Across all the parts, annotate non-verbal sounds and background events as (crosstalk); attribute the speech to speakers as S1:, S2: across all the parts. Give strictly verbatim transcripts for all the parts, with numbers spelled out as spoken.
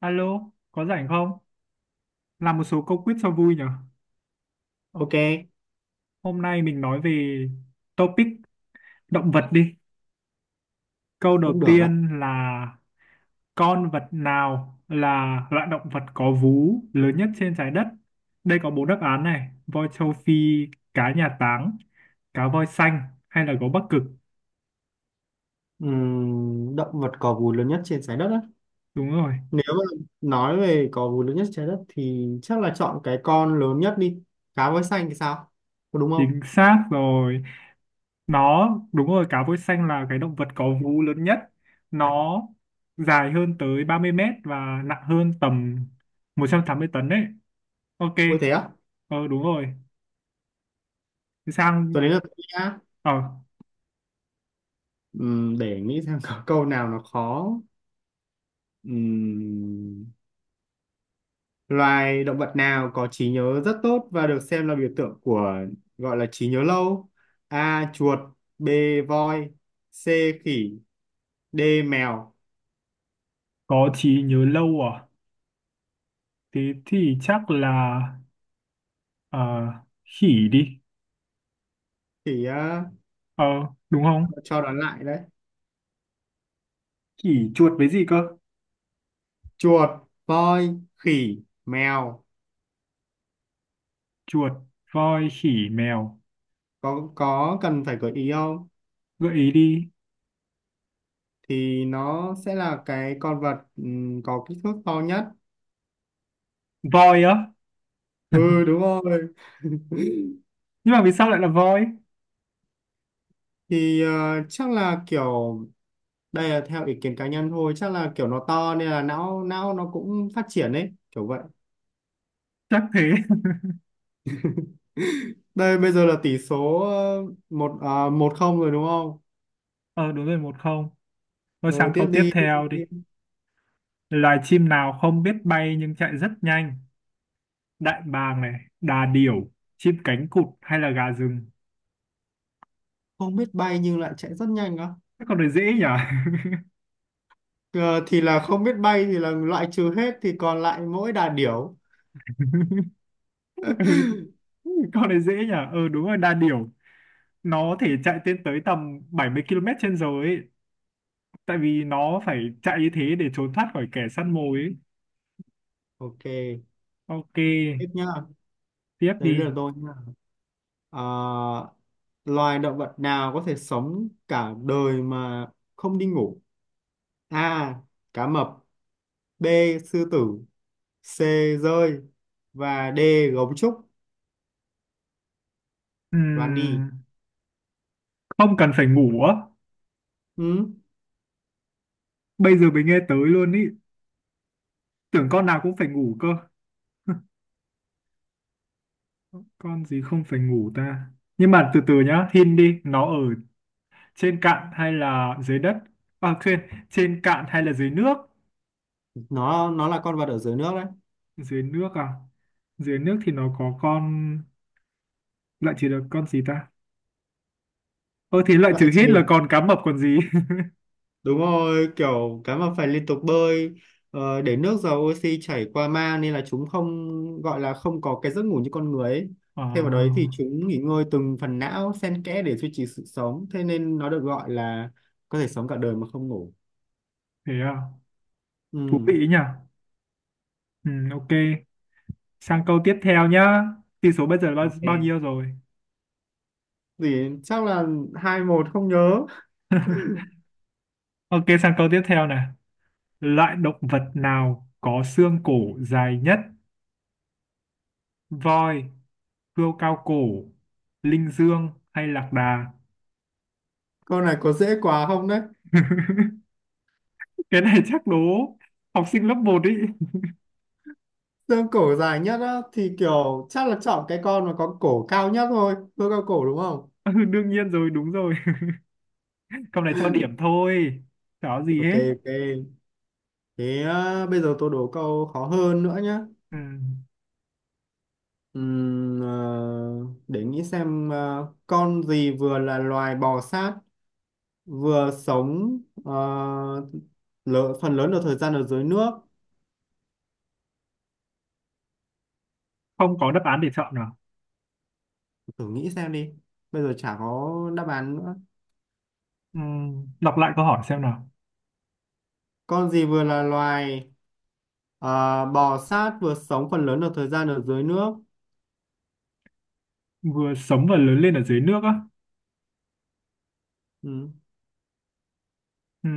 S1: Alo, có rảnh không? Làm một số câu quiz cho vui nhở?
S2: Ok,
S1: Hôm nay mình nói về topic động vật đi. Câu đầu
S2: cũng được đấy.
S1: tiên là con vật nào là loại động vật có vú lớn nhất trên trái đất? Đây có bốn đáp án này: voi châu Phi, cá nhà táng, cá voi xanh hay là gấu Bắc Cực.
S2: Ừm, động vật có vú lớn nhất trên trái đất á.
S1: Đúng rồi,
S2: Nếu mà nói về có vú lớn nhất trên trái đất thì chắc là chọn cái con lớn nhất đi. Cá voi xanh thì sao? Có đúng không?
S1: chính xác rồi. Nó đúng rồi, cá voi xanh là cái động vật có vú lớn nhất. Nó dài hơn tới ba mươi mét và nặng hơn tầm một trăm tám mươi tấn đấy. Ok.
S2: Ôi thế á?
S1: Ờ đúng rồi. Thì sang.
S2: Tôi đến là tôi nhá.
S1: ờ
S2: Ừm, để nghĩ xem có câu nào nó khó. Ừm, Loài động vật nào có trí nhớ rất tốt và được xem là biểu tượng của gọi là trí nhớ lâu? A. Chuột. B. Voi. C. Khỉ. D. Mèo.
S1: có trí nhớ lâu à? Thế thì chắc là ờ khỉ đi.
S2: Khỉ á,
S1: ờ Đúng không?
S2: cho đoán lại đấy.
S1: Khỉ, chuột với gì cơ?
S2: Chuột, voi, khỉ, mèo.
S1: Chuột, voi, khỉ, mèo.
S2: Có có cần phải gợi ý không?
S1: Gợi ý đi.
S2: Thì nó sẽ là cái con vật ừm, có kích thước to nhất.
S1: Voi á?
S2: Ừ
S1: (laughs)
S2: đúng rồi. (laughs)
S1: Nhưng mà vì sao lại là voi?
S2: Thì ờ, chắc là kiểu đây là theo ý kiến cá nhân thôi, chắc là kiểu nó to nên là não não nó cũng phát triển ấy kiểu vậy.
S1: Chắc thế.
S2: Đây bây giờ là tỷ số ờ, một à, một không rồi đúng không?
S1: (laughs) ờ Đúng rồi, một không. Rồi
S2: Rồi
S1: sang
S2: tiếp
S1: câu tiếp
S2: đi tiếp
S1: theo đi.
S2: đi.
S1: Loài chim nào không biết bay nhưng chạy rất nhanh? Đại bàng này, đà điểu, chim cánh cụt hay là gà rừng?
S2: Không biết bay nhưng lại chạy rất nhanh á.
S1: Cái con này dễ nhỉ?
S2: Ờ, thì là không biết bay thì là loại trừ hết thì còn lại mỗi đà điểu.
S1: (laughs) Ừ, con này dễ nhỉ? Ừ đúng rồi, đà điểu. Nó thể chạy lên tới tầm bảy mươi ki lô mét trên giờ ấy. Tại vì nó phải chạy như thế để trốn thoát khỏi kẻ săn mồi ấy.
S2: Ok,
S1: Ok,
S2: tiếp nhá.
S1: tiếp
S2: Đấy
S1: đi.
S2: là tôi nhá. Ờ, loài động vật nào có thể sống cả đời mà không đi ngủ? A. Cá mập. B. Sư tử. C. Rơi. Và D. Gấu trúc. Đoán đi.
S1: Ừm, không cần phải ngủ á.
S2: Ừ,
S1: Bây giờ mới nghe tới luôn ý. Tưởng con nào cũng phải ngủ cơ. Con gì không phải ngủ ta? Nhưng mà từ từ nhá, hin đi, nó ở trên cạn hay là dưới đất? À, trên, trên cạn hay là dưới nước?
S2: nó nó là con vật ở dưới nước đấy.
S1: Dưới nước à? Dưới nước thì nó có con... Loại trừ được con gì ta? Ờ thì loại
S2: Loại
S1: trừ
S2: trừ.
S1: hết là còn cá mập còn gì? (laughs)
S2: Đúng rồi, kiểu cá mập phải liên tục bơi, ờ, để nước giàu oxy chảy qua mang nên là chúng không gọi là không có cái giấc ngủ như con người ấy.
S1: Ờ,
S2: Thêm vào đấy thì chúng nghỉ ngơi từng phần não xen kẽ để duy trì sự sống, thế nên nó được gọi là có thể sống cả đời mà không ngủ.
S1: thế à? Thú
S2: Ừ,
S1: vị nhỉ? Ừ, ok. Sang câu tiếp theo nhá. Tỷ số bây giờ là bao, bao
S2: ok.
S1: nhiêu rồi?
S2: Thì chắc là hai một, không nhớ.
S1: Ok, sang câu tiếp theo này. Loại động vật nào có xương cổ dài nhất? Voi, cươu cao cổ, linh dương hay lạc đà?
S2: Con này có dễ quá không đấy?
S1: (laughs) Cái này chắc đố học sinh lớp một ý. (laughs)
S2: Xương cổ dài nhất á, thì kiểu chắc là chọn cái con mà có cổ cao nhất thôi. Tôi cao cổ đúng không?
S1: Ừ, đương nhiên rồi, đúng rồi. (laughs) Câu này cho điểm thôi. Chả có gì
S2: Ok,
S1: hết.
S2: ok. Thế à, bây giờ tôi đố câu khó hơn nữa nhé.
S1: Ừ.
S2: Ừm, ờ, để nghĩ xem ờ, con gì vừa là loài bò sát, vừa sống ờ, lợ- phần lớn được thời gian ở dưới nước.
S1: Không có đáp án để chọn nào.
S2: Thử nghĩ xem đi. Bây giờ chả có đáp án nữa.
S1: Ừ. Đọc lại câu hỏi xem nào.
S2: Con gì vừa là loài ờ, bò sát, vừa sống phần lớn được thời gian ở dưới nước?
S1: Vừa sống và lớn lên ở dưới nước á.
S2: Ừm,
S1: Ừ.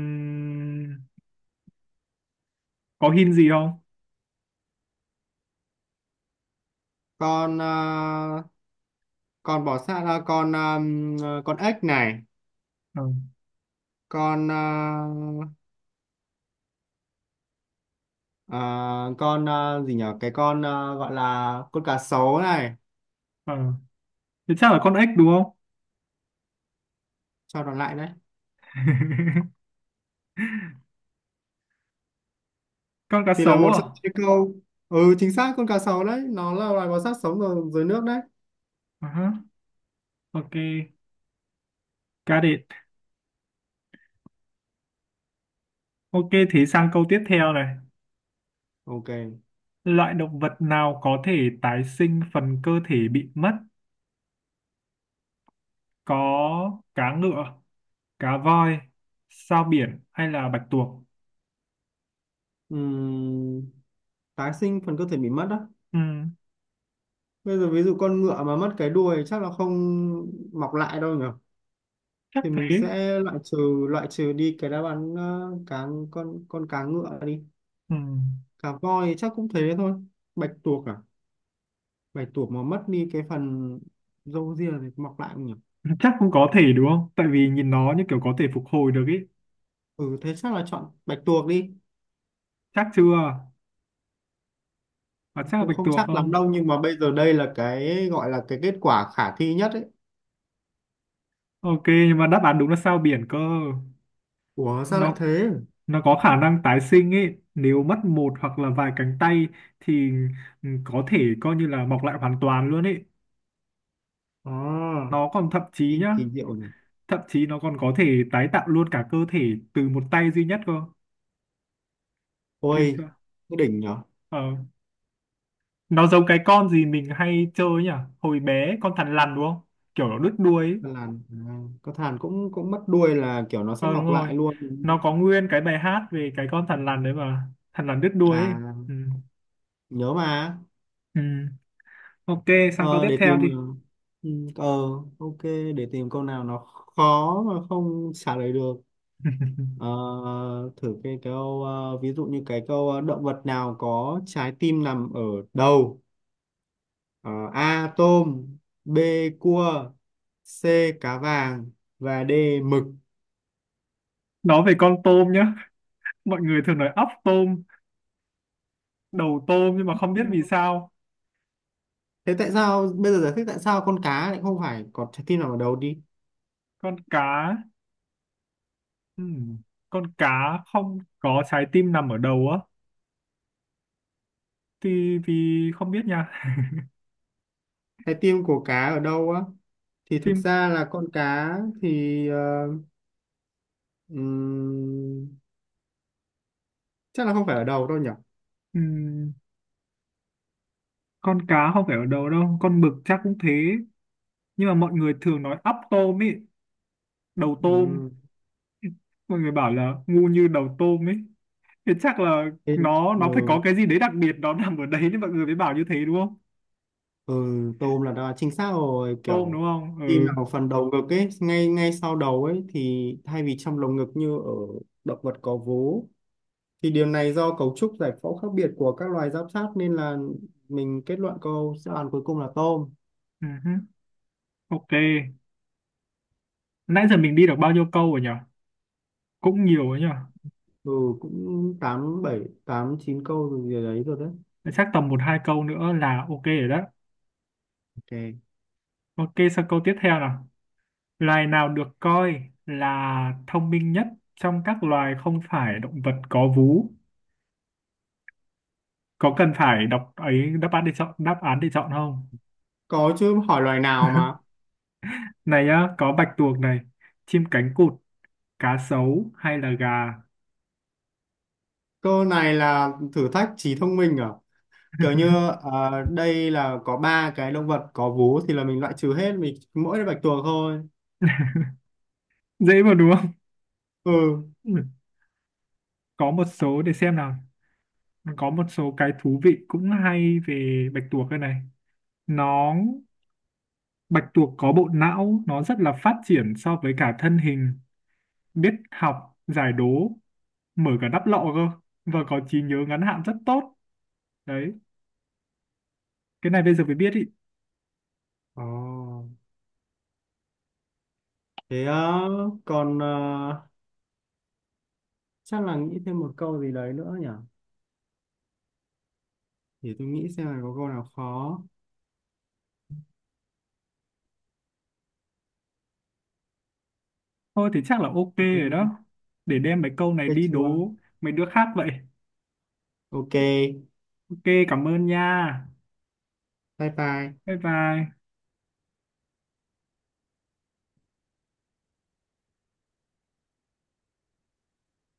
S1: Có hint gì không?
S2: Con ờ, con bò sát, à, con ờm, ờ, con ếch này,
S1: Ừ.
S2: con ờ, À, con à, gì nhở, cái con à, gọi là con cá sấu này,
S1: Ừ. Thế chắc là con ếch đúng không?
S2: cho nó lại đấy.
S1: (laughs) Con cá
S2: Thì là
S1: sấu
S2: một
S1: à?
S2: trong những câu. Ừ chính xác, con cá sấu đấy, nó là loài bò sát sống ở dưới nước đấy.
S1: Ờ, ok. Got it. Ok, thế sang câu tiếp theo này.
S2: Ok.
S1: Loại động vật nào có thể tái sinh phần cơ thể bị mất? Có cá ngựa, cá voi, sao biển hay là bạch tuộc?
S2: Ừm, Tái sinh phần cơ thể bị mất đó.
S1: Ừ,
S2: Bây giờ ví dụ con ngựa mà mất cái đuôi chắc là không mọc lại đâu nhở.
S1: chắc
S2: Thì mình
S1: thế.
S2: sẽ loại trừ, loại trừ đi cái đáp án ờ, cá, con con cá ngựa đi.
S1: Ừ.
S2: Cá voi thì chắc cũng thế thôi. Bạch tuộc à, bạch tuộc mà mất đi cái phần râu ria thì mọc lại không nhỉ?
S1: Chắc cũng có thể đúng không? Tại vì nhìn nó như kiểu có thể phục hồi được ý.
S2: Ừ thế chắc là chọn bạch tuộc đi.
S1: Chắc chưa? Và chắc là
S2: Cũng
S1: bạch
S2: không
S1: tuộc
S2: chắc lắm
S1: không?
S2: đâu nhưng mà bây giờ đây là cái gọi là cái kết quả khả thi nhất ấy.
S1: Ok, nhưng mà đáp án đúng là sao biển cơ.
S2: Ủa sao lại
S1: Nó
S2: thế?
S1: nó có khả năng tái sinh ý. Nếu mất một hoặc là vài cánh tay thì ừ, có thể coi như là mọc lại hoàn toàn luôn ý.
S2: À,
S1: Nó còn thậm chí
S2: kinh
S1: nhá,
S2: kỳ diệu nhỉ.
S1: thậm chí nó còn có thể tái tạo luôn cả cơ thể từ một tay duy nhất cơ. Kinh
S2: Ôi,
S1: chưa?
S2: cái đỉnh nhở.
S1: Ờ. Nó giống cái con gì mình hay chơi nhỉ? Hồi bé con thằn lằn đúng không, kiểu nó đứt đuôi ấy.
S2: Con làn à, có thàn cũng cũng mất đuôi là kiểu nó sẽ
S1: Ờ đúng
S2: mọc
S1: rồi,
S2: lại luôn.
S1: nó có nguyên cái bài hát về cái con thằn lằn đấy, mà thằn lằn đứt đuôi ấy.
S2: À,
S1: Ừ.
S2: nhớ mà.
S1: Ừ. Ok, sang câu
S2: ờ,
S1: tiếp
S2: để
S1: theo
S2: tìm
S1: đi.
S2: ờ, ừ, ờ ok, để tìm câu nào nó khó mà không trả lời được. Ờ,
S1: (laughs)
S2: thử cái câu ờ, ví dụ như cái câu ờ, động vật nào có trái tim nằm ở đầu? Ờ, A. Tôm. B. Cua. C. Cá vàng. Và D. Mực.
S1: Nói về con tôm nhá, mọi người thường nói óc tôm, đầu tôm nhưng mà không biết vì sao.
S2: Thế tại sao bây giờ giải thích tại sao con cá lại không phải có trái tim nằm ở đầu đi.
S1: Con cá, ừ. Con cá không có trái tim nằm ở đầu á, thì thì không biết nha.
S2: Trái tim của cá ở đâu á? Thì thực
S1: Phim.
S2: ra là con cá thì ờ, ừm, chắc là không phải ở đầu đâu nhỉ.
S1: Ừm, con cá không phải ở đầu đâu, con mực chắc cũng thế. Nhưng mà mọi người thường nói ắp tôm ấy, đầu tôm.
S2: Ừm,
S1: Mọi người bảo là ngu như đầu tôm ấy, thì chắc là nó nó phải có
S2: ừ,
S1: cái gì đấy đặc biệt nó nằm ở đấy nên mọi người mới bảo như thế đúng không.
S2: ừ, tôm là đã chính xác rồi
S1: Tôm
S2: kiểu.
S1: đúng không.
S2: Tim
S1: Ừ.
S2: nào phần đầu ngực ấy, ngay ngay sau đầu ấy thì thay vì trong lồng ngực như ở động vật có vú thì điều này do cấu trúc giải phẫu khác biệt của các loài giáp sát nên là mình kết luận câu đáp án cuối cùng là tôm.
S1: Ừ hứ. Ok, nãy giờ mình đi được bao nhiêu câu rồi nhỉ? Cũng nhiều rồi nhỉ.
S2: Ừ, cũng tám bảy tám chín câu rồi gì đấy rồi đấy.
S1: Chắc tầm một hai câu nữa là ok rồi đó.
S2: Ok.
S1: Ok, sang câu tiếp theo nào. Loài nào được coi là thông minh nhất trong các loài không phải động vật có vú? Có cần phải đọc ấy đáp án để chọn đáp án để chọn không?
S2: Có chứ, hỏi loài nào mà.
S1: Này á, có bạch tuộc này, chim cánh cụt, cá sấu hay là gà?
S2: Câu này là thử thách trí thông minh à, kiểu như
S1: (laughs)
S2: ờ, đây là có ba cái động vật có vú thì là mình loại trừ hết, mình mỗi bạch tuộc thôi.
S1: Dễ mà đúng không?
S2: Ừ.
S1: Ừ. Có một số để xem nào. Có một số cái thú vị cũng hay về bạch tuộc đây này. Nó Bạch tuộc có bộ não nó rất là phát triển so với cả thân hình, biết học giải đố, mở cả đắp lọ cơ, và có trí nhớ ngắn hạn rất tốt đấy. Cái này bây giờ mới biết ý.
S2: Ồ. Thế ờ, còn ờ, chắc là nghĩ thêm một câu gì đấy nữa nhỉ, để tôi nghĩ xem là có câu nào khó.
S1: Thôi thì chắc là ok rồi
S2: Ừ,
S1: đó, để đem mấy câu này
S2: cái
S1: đi đố mấy đứa khác vậy.
S2: ok,
S1: Ok, cảm ơn nha.
S2: bye bye.
S1: Bye bye.